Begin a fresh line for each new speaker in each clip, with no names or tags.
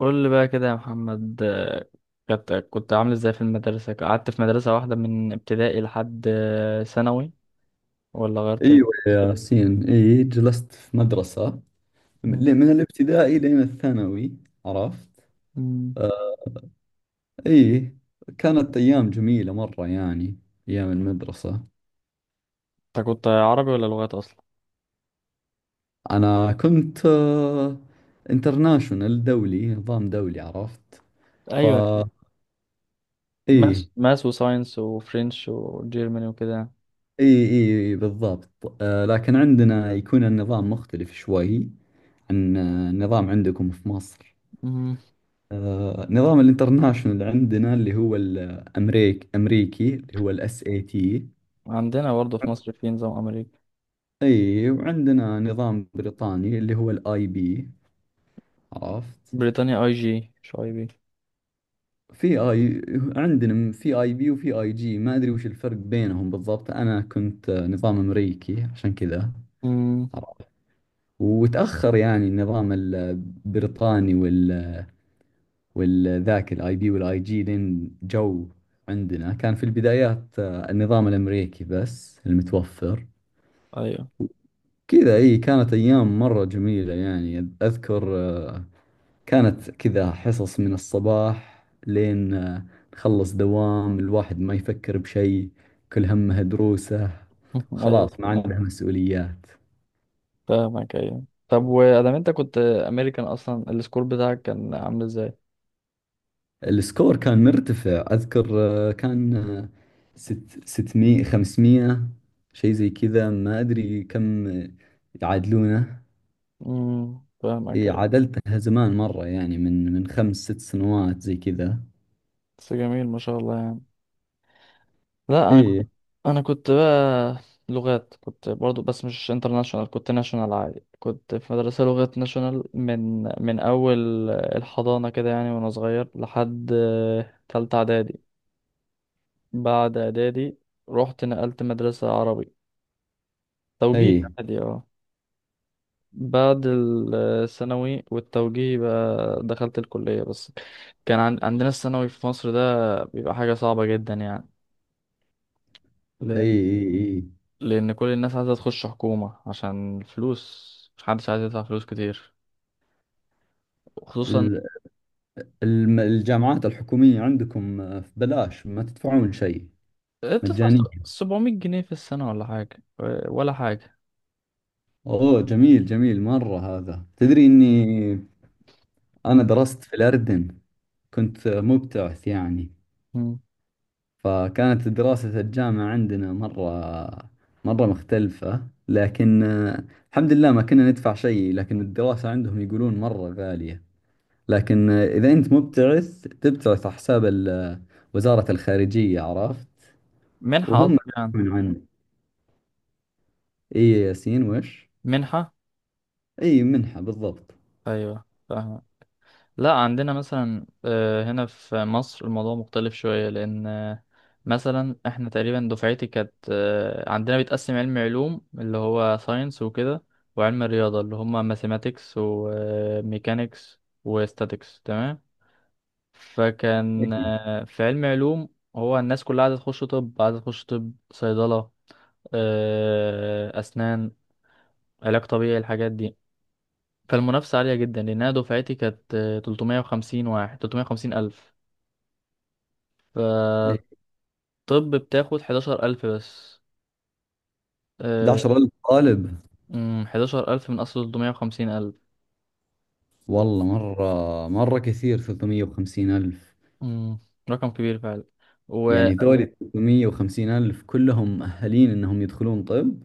قول لي بقى كده يا محمد، كنت عامل ازاي في المدرسة؟ قعدت في مدرسة واحدة من ابتدائي لحد ثانوي ولا غيرت؟
ايوه يا ياسين، اي، جلست في مدرسة
مم.
من الابتدائي لين الثانوي. عرفت.
مم.
آه، اي، كانت ايام جميلة مرة يعني، ايام المدرسة.
انت كنت عربي ولا لغات اصلا؟
انا كنت انترناشونال، دولي، نظام دولي. عرفت. ف
ايوه،
اي،
ماس وساينس وفرنش وجيرماني وكده.
اي، اي بالضبط. لكن عندنا يكون النظام مختلف شوي عن النظام عندكم في مصر.
مم.
نظام الانترناشونال اللي عندنا، اللي هو الأمريك أمريكي، اللي هو الاس اي تي.
عندنا برضه في مصر في نظام امريكي.
اي، وعندنا نظام بريطاني اللي هو الاي بي. عرفت.
بريطانيا اي جي مش اي بي.
في اي، عندنا في اي بي وفي اي جي، ما ادري وش الفرق بينهم بالضبط. انا كنت نظام امريكي عشان كذا.
مم.
عرفت. وتأخر يعني النظام البريطاني والذاك الاي بي والاي جي لين جو. عندنا كان في البدايات النظام الامريكي بس المتوفر.
ايوه.
كذا. اي، كانت ايام مرة جميلة يعني. اذكر كانت كذا حصص من الصباح لين نخلص دوام. الواحد ما يفكر بشيء، كل همه دروسه.
ايوه،
خلاص، ما عنده مسؤوليات.
فاهمك. ايوه، طب وادام انت كنت امريكان اصلا السكور بتاعك كان عامل ازاي؟
السكور كان مرتفع اذكر. كان ستمية، خمسمية، شيء زي كذا. ما ادري كم يعادلونه.
مم، فاهمك.
اي، عادلتها زمان مرة يعني من خمس ست سنوات زي كذا.
بس جميل ما شاء الله يعني. لا انا
اي،
كنت- انا كنت بقى لغات، كنت برضو بس مش انترناشونال، كنت ناشونال عادي. كنت في مدرسة لغات ناشونال من اول الحضانة كده يعني، وانا صغير لحد تالتة اعدادي. بعد اعدادي رحت نقلت مدرسة عربي
اي،
توجيه عادي، بعد الثانوي والتوجيه بقى دخلت الكلية بس. كان عندنا الثانوي في مصر ده بيبقى حاجة صعبة جدا يعني،
اي،
لأن
اي، اي.
لأن كل الناس عايزة تخش حكومة عشان الفلوس، مش حدش عايز يدفع فلوس كتير، خصوصا
ال- الجامعات الحكومية عندكم ببلاش؟ ما تدفعون شيء؟
بتدفع
مجانية؟
700 جنيه في السنة ولا حاجة، ولا حاجة.
اوه، جميل، جميل مرة. هذا تدري اني انا
مم.
درست في الاردن؟ كنت مبتعث يعني.
مم.
فكانت دراسة الجامعة عندنا مرة مرة مختلفة، لكن الحمد لله ما كنا ندفع شيء. لكن الدراسة عندهم يقولون مرة غالية. لكن إذا أنت مبتعث تبتعث على حساب وزارة الخارجية. عرفت.
منحة
وهم
قصدك يعني؟
يدافعون عنه. اي ياسين، وش؟
منحة،
اي، منحة بالضبط.
أيوة فاهمة. لا، عندنا مثلا هنا في مصر الموضوع مختلف شوية لأن مثلا احنا تقريبا دفعتي كانت عندنا بيتقسم علم علوم اللي هو ساينس وكده، وعلم الرياضة اللي هما ماثيماتكس وميكانيكس وستاتكس. تمام. فكان
اي،
في علم علوم، هو الناس كلها عايزة تخش طب، عايزة تخش طب، صيدلة، أسنان، علاج طبيعي، الحاجات دي. فالمنافسة عالية جدا، لأنها دفعتي كانت 350 واحد، 350 ألف.
اي،
فالطب بتاخد 11 ألف بس. آه،
11,000 طالب؟
11 ألف من أصل 350 ألف.
والله مرة، مرة كثير 350 ألف.
أمم، رقم كبير فعلا. و
يعني ذولي 350 ألف كلهم مؤهلين إنهم يدخلون طب؟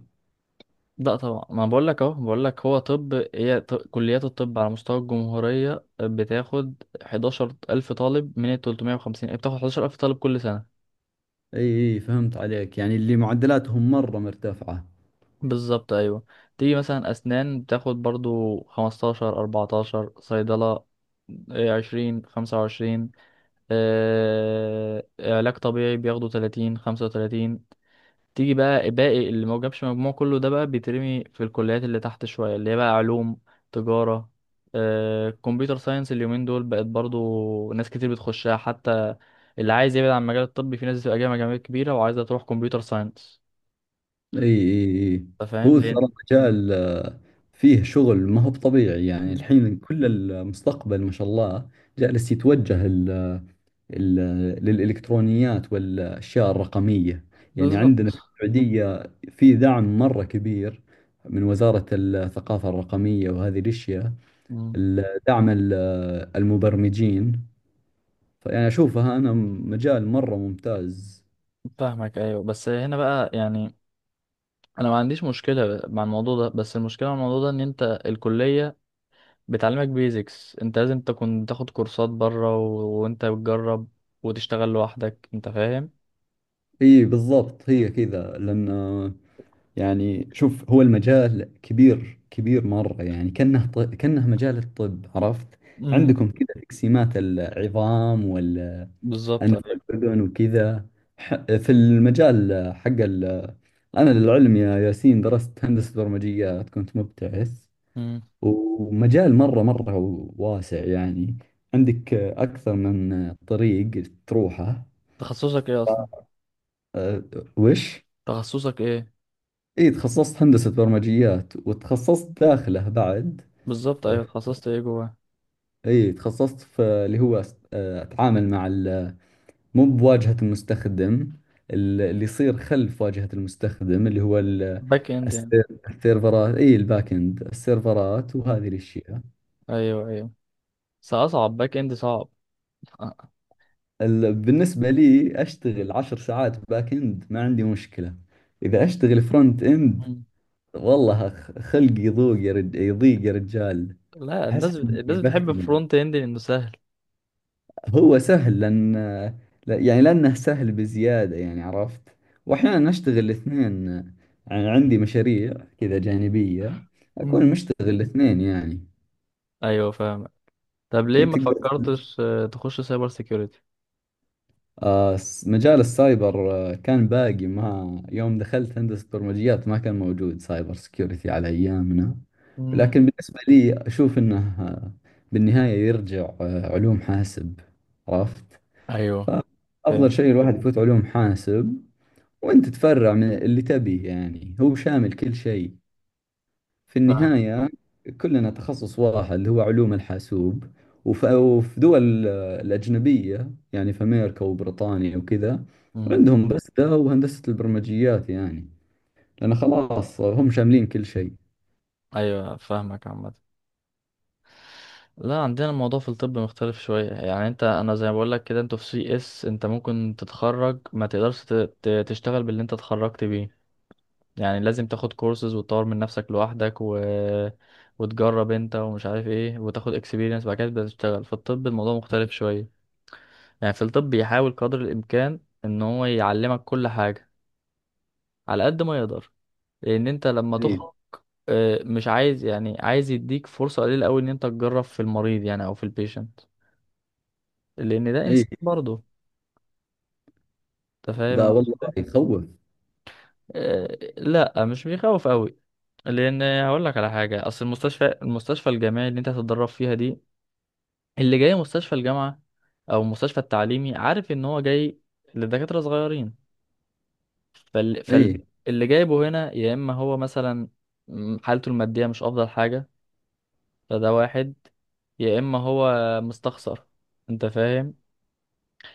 لا طبعا، ما بقول لك اهو، بقول لك هو طب، كليات الطب على مستوى الجمهورية بتاخد 11000 طالب من ال 350، بتاخد 11000 طالب كل سنة.
اي، اي، فهمت عليك، يعني اللي معدلاتهم مرة مرتفعة.
بالظبط، ايوه. تيجي مثلا اسنان بتاخد برضو 15، 14. صيدلة، إيه، 20، 25. علاج طبيعي بياخدوا 30، 35. تيجي بقى باقي اللي ما جابش مجموع كله ده بقى بيترمي في الكليات اللي تحت شوية، اللي هي بقى علوم، تجارة، كمبيوتر ساينس. اليومين دول بقت برضو ناس كتير بتخشها، حتى اللي عايز يبعد عن المجال الطبي في ناس بتبقى جايه مجاميع كبيرة وعايزة تروح كمبيوتر ساينس.
اي، اي، اي.
انت فاهم
هو ترى
ليه؟
مجال فيه شغل، ما هو بطبيعي يعني. الحين كل المستقبل ما شاء الله جالس يتوجه للإلكترونيات والأشياء الرقمية. يعني
بالظبط.
عندنا في السعودية في دعم مرة كبير من وزارة الثقافة الرقمية وهذه الأشياء.
مم،
دعم المبرمجين. فيعني أشوفها أنا مجال مرة ممتاز.
فاهمك. ايوه، بس هنا بقى يعني، انا ما عنديش مشكلة مع الموضوع ده، بس المشكلة مع الموضوع ده ان انت الكلية بتعلمك بيزكس، انت لازم تكون تاخد كورسات بره وانت بتجرب وتشتغل لوحدك، انت فاهم.
إي بالضبط، هي كذا لأن، يعني شوف، هو المجال كبير كبير مرة، يعني كأنه مجال الطب. عرفت.
امم.
عندكم كذا تقسيمات، العظام،
بالظبط،
أنف
ايوه.
الأذن وكذا. في المجال حق أنا للعلم يا ياسين درست هندسة برمجيات، كنت مبتعث.
امم.
ومجال مرة مرة واسع يعني، عندك أكثر من طريق تروحه.
تخصصك ايه اصلا؟
أه، وش؟
تخصصك ايه؟
اي، تخصصت هندسة برمجيات، وتخصصت داخله بعد.
بالظبط،
أه،
ايوه، تخصصت ايه جوه؟
اي، تخصصت في اللي هو اتعامل مع، مو بواجهة المستخدم، اللي يصير خلف واجهة المستخدم، اللي هو
باك اند يعني؟
السيرفرات. اي، الباك اند، السيرفرات
مم.
وهذه الاشياء.
ايوه، ايوه. بس اصعب، باك اند صعب. آه.
بالنسبة لي اشتغل 10 ساعات باك اند ما عندي مشكلة. اذا اشتغل فرونت اند،
امم.
والله خلقي يضيق يا رجال.
لا،
احس اني
الناس بتحب
بختني.
فرونت اند لانه سهل.
هو سهل لأن، يعني لأنه سهل بزيادة يعني. عرفت. وأحيانا نشتغل الاثنين يعني، عندي مشاريع كذا جانبية، أكون
امم.
مشتغل الاثنين يعني.
ايوه، فاهم. طب ليه
أي،
ما
تقدر.
فكرتش تخش سايبر سيكيورتي؟
مجال السايبر كان باقي، ما يوم دخلت هندسة برمجيات ما كان موجود سايبر سكيورتي على أيامنا.
أمم.
لكن بالنسبة لي أشوف أنه آه، بالنهاية يرجع علوم حاسب. عرفت.
ايوه،
فأفضل
فاهم
شيء الواحد يفوت علوم حاسب، وانت تفرع من اللي تبيه. يعني هو شامل كل شيء في
فاهم.
النهاية. كلنا تخصص واحد اللي هو علوم الحاسوب. وفي دول الأجنبية، يعني في أمريكا وبريطانيا وكذا،
مم.
عندهم بس ده وهندسة البرمجيات يعني، لأن خلاص هم شاملين كل شيء.
ايوه، فاهمك عامه. لا، عندنا الموضوع في الطب مختلف شوية يعني. انت، انا زي ما بقول لك كده، انتوا في سي اس انت ممكن تتخرج ما تقدرش تشتغل باللي انت اتخرجت بيه. يعني لازم تاخد كورسز وتطور من نفسك لوحدك وتجرب انت ومش عارف ايه، وتاخد اكسبيرينس بعد كده تبدأ تشتغل. في الطب الموضوع مختلف شوية، يعني في الطب بيحاول قدر الامكان ان هو يعلمك كل حاجة على قد ما يقدر، لان انت لما
إيه،
تخرج اه، مش عايز، يعني عايز يديك فرصة قليلة قوي ان انت تجرب في المريض يعني، او في البيشنت، لان ده
إيه.
انسان برضه. انت فاهم
ذا
انا
والله
اقصد ايه؟
يخوف.
آه، لا مش بيخوف قوي، لان هقول لك على حاجه. اصل المستشفى الجامعي اللي انت هتتدرب فيها دي، اللي جاي مستشفى الجامعه او المستشفى التعليمي، عارف ان هو جاي لدكاتره صغيرين. فال... فال...
إيه.
اللي جايبه هنا، يا اما هو مثلا، حالته الماديه مش افضل حاجه، فده واحد، يا اما هو مستخسر، انت فاهم،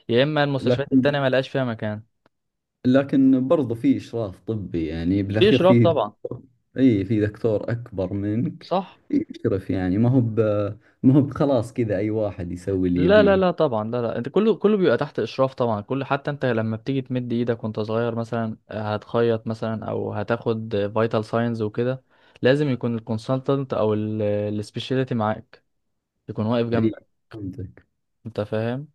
يا اما المستشفيات
لكن
التانية ملقاش فيها مكان.
لكن برضو في إشراف طبي يعني،
في
بالأخير
اشراف
في
طبعا.
دكتور. أي، في دكتور أكبر منك
صح.
يشرف. يعني ما هو ما هو بخلاص كذا أي واحد يسوي اللي
لا لا لا
يبيه.
طبعا، لا لا، انت كله بيبقى تحت اشراف طبعا. كل حتى انت لما بتيجي تمد ايدك وانت صغير مثلا هتخيط مثلا او هتاخد فيتال ساينز وكده، لازم يكون الكونسلتنت او السبيشاليتي معاك، يكون واقف
أي،
جنبك.
فهمتك.
انت فاهم.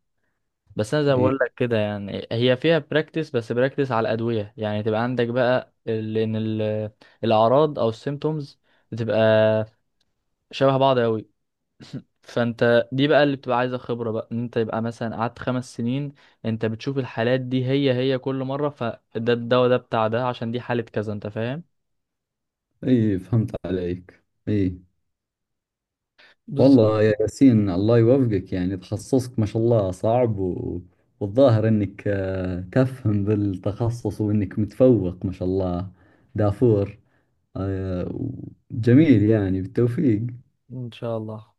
بس انا زي ما
أي،
بقول لك كده، يعني هي فيها براكتس، بس براكتس على الادويه يعني. تبقى عندك بقى الاعراض او السيمتومز بتبقى شبه بعض قوي. فانت دي بقى اللي بتبقى عايزه خبره، بقى ان انت يبقى مثلا قعدت 5 سنين، انت بتشوف الحالات دي هي هي كل مره، فده الدواء ده بتاع ده عشان دي حاله كذا. انت فاهم؟
أي، فهمت عليك. أي.
بالظبط.
والله يا ياسين، الله يوفقك. يعني تخصصك ما شاء الله صعب والظاهر إنك تفهم بالتخصص وإنك متفوق ما شاء الله. دافور. آه، جميل يعني، بالتوفيق.
ان شاء الله.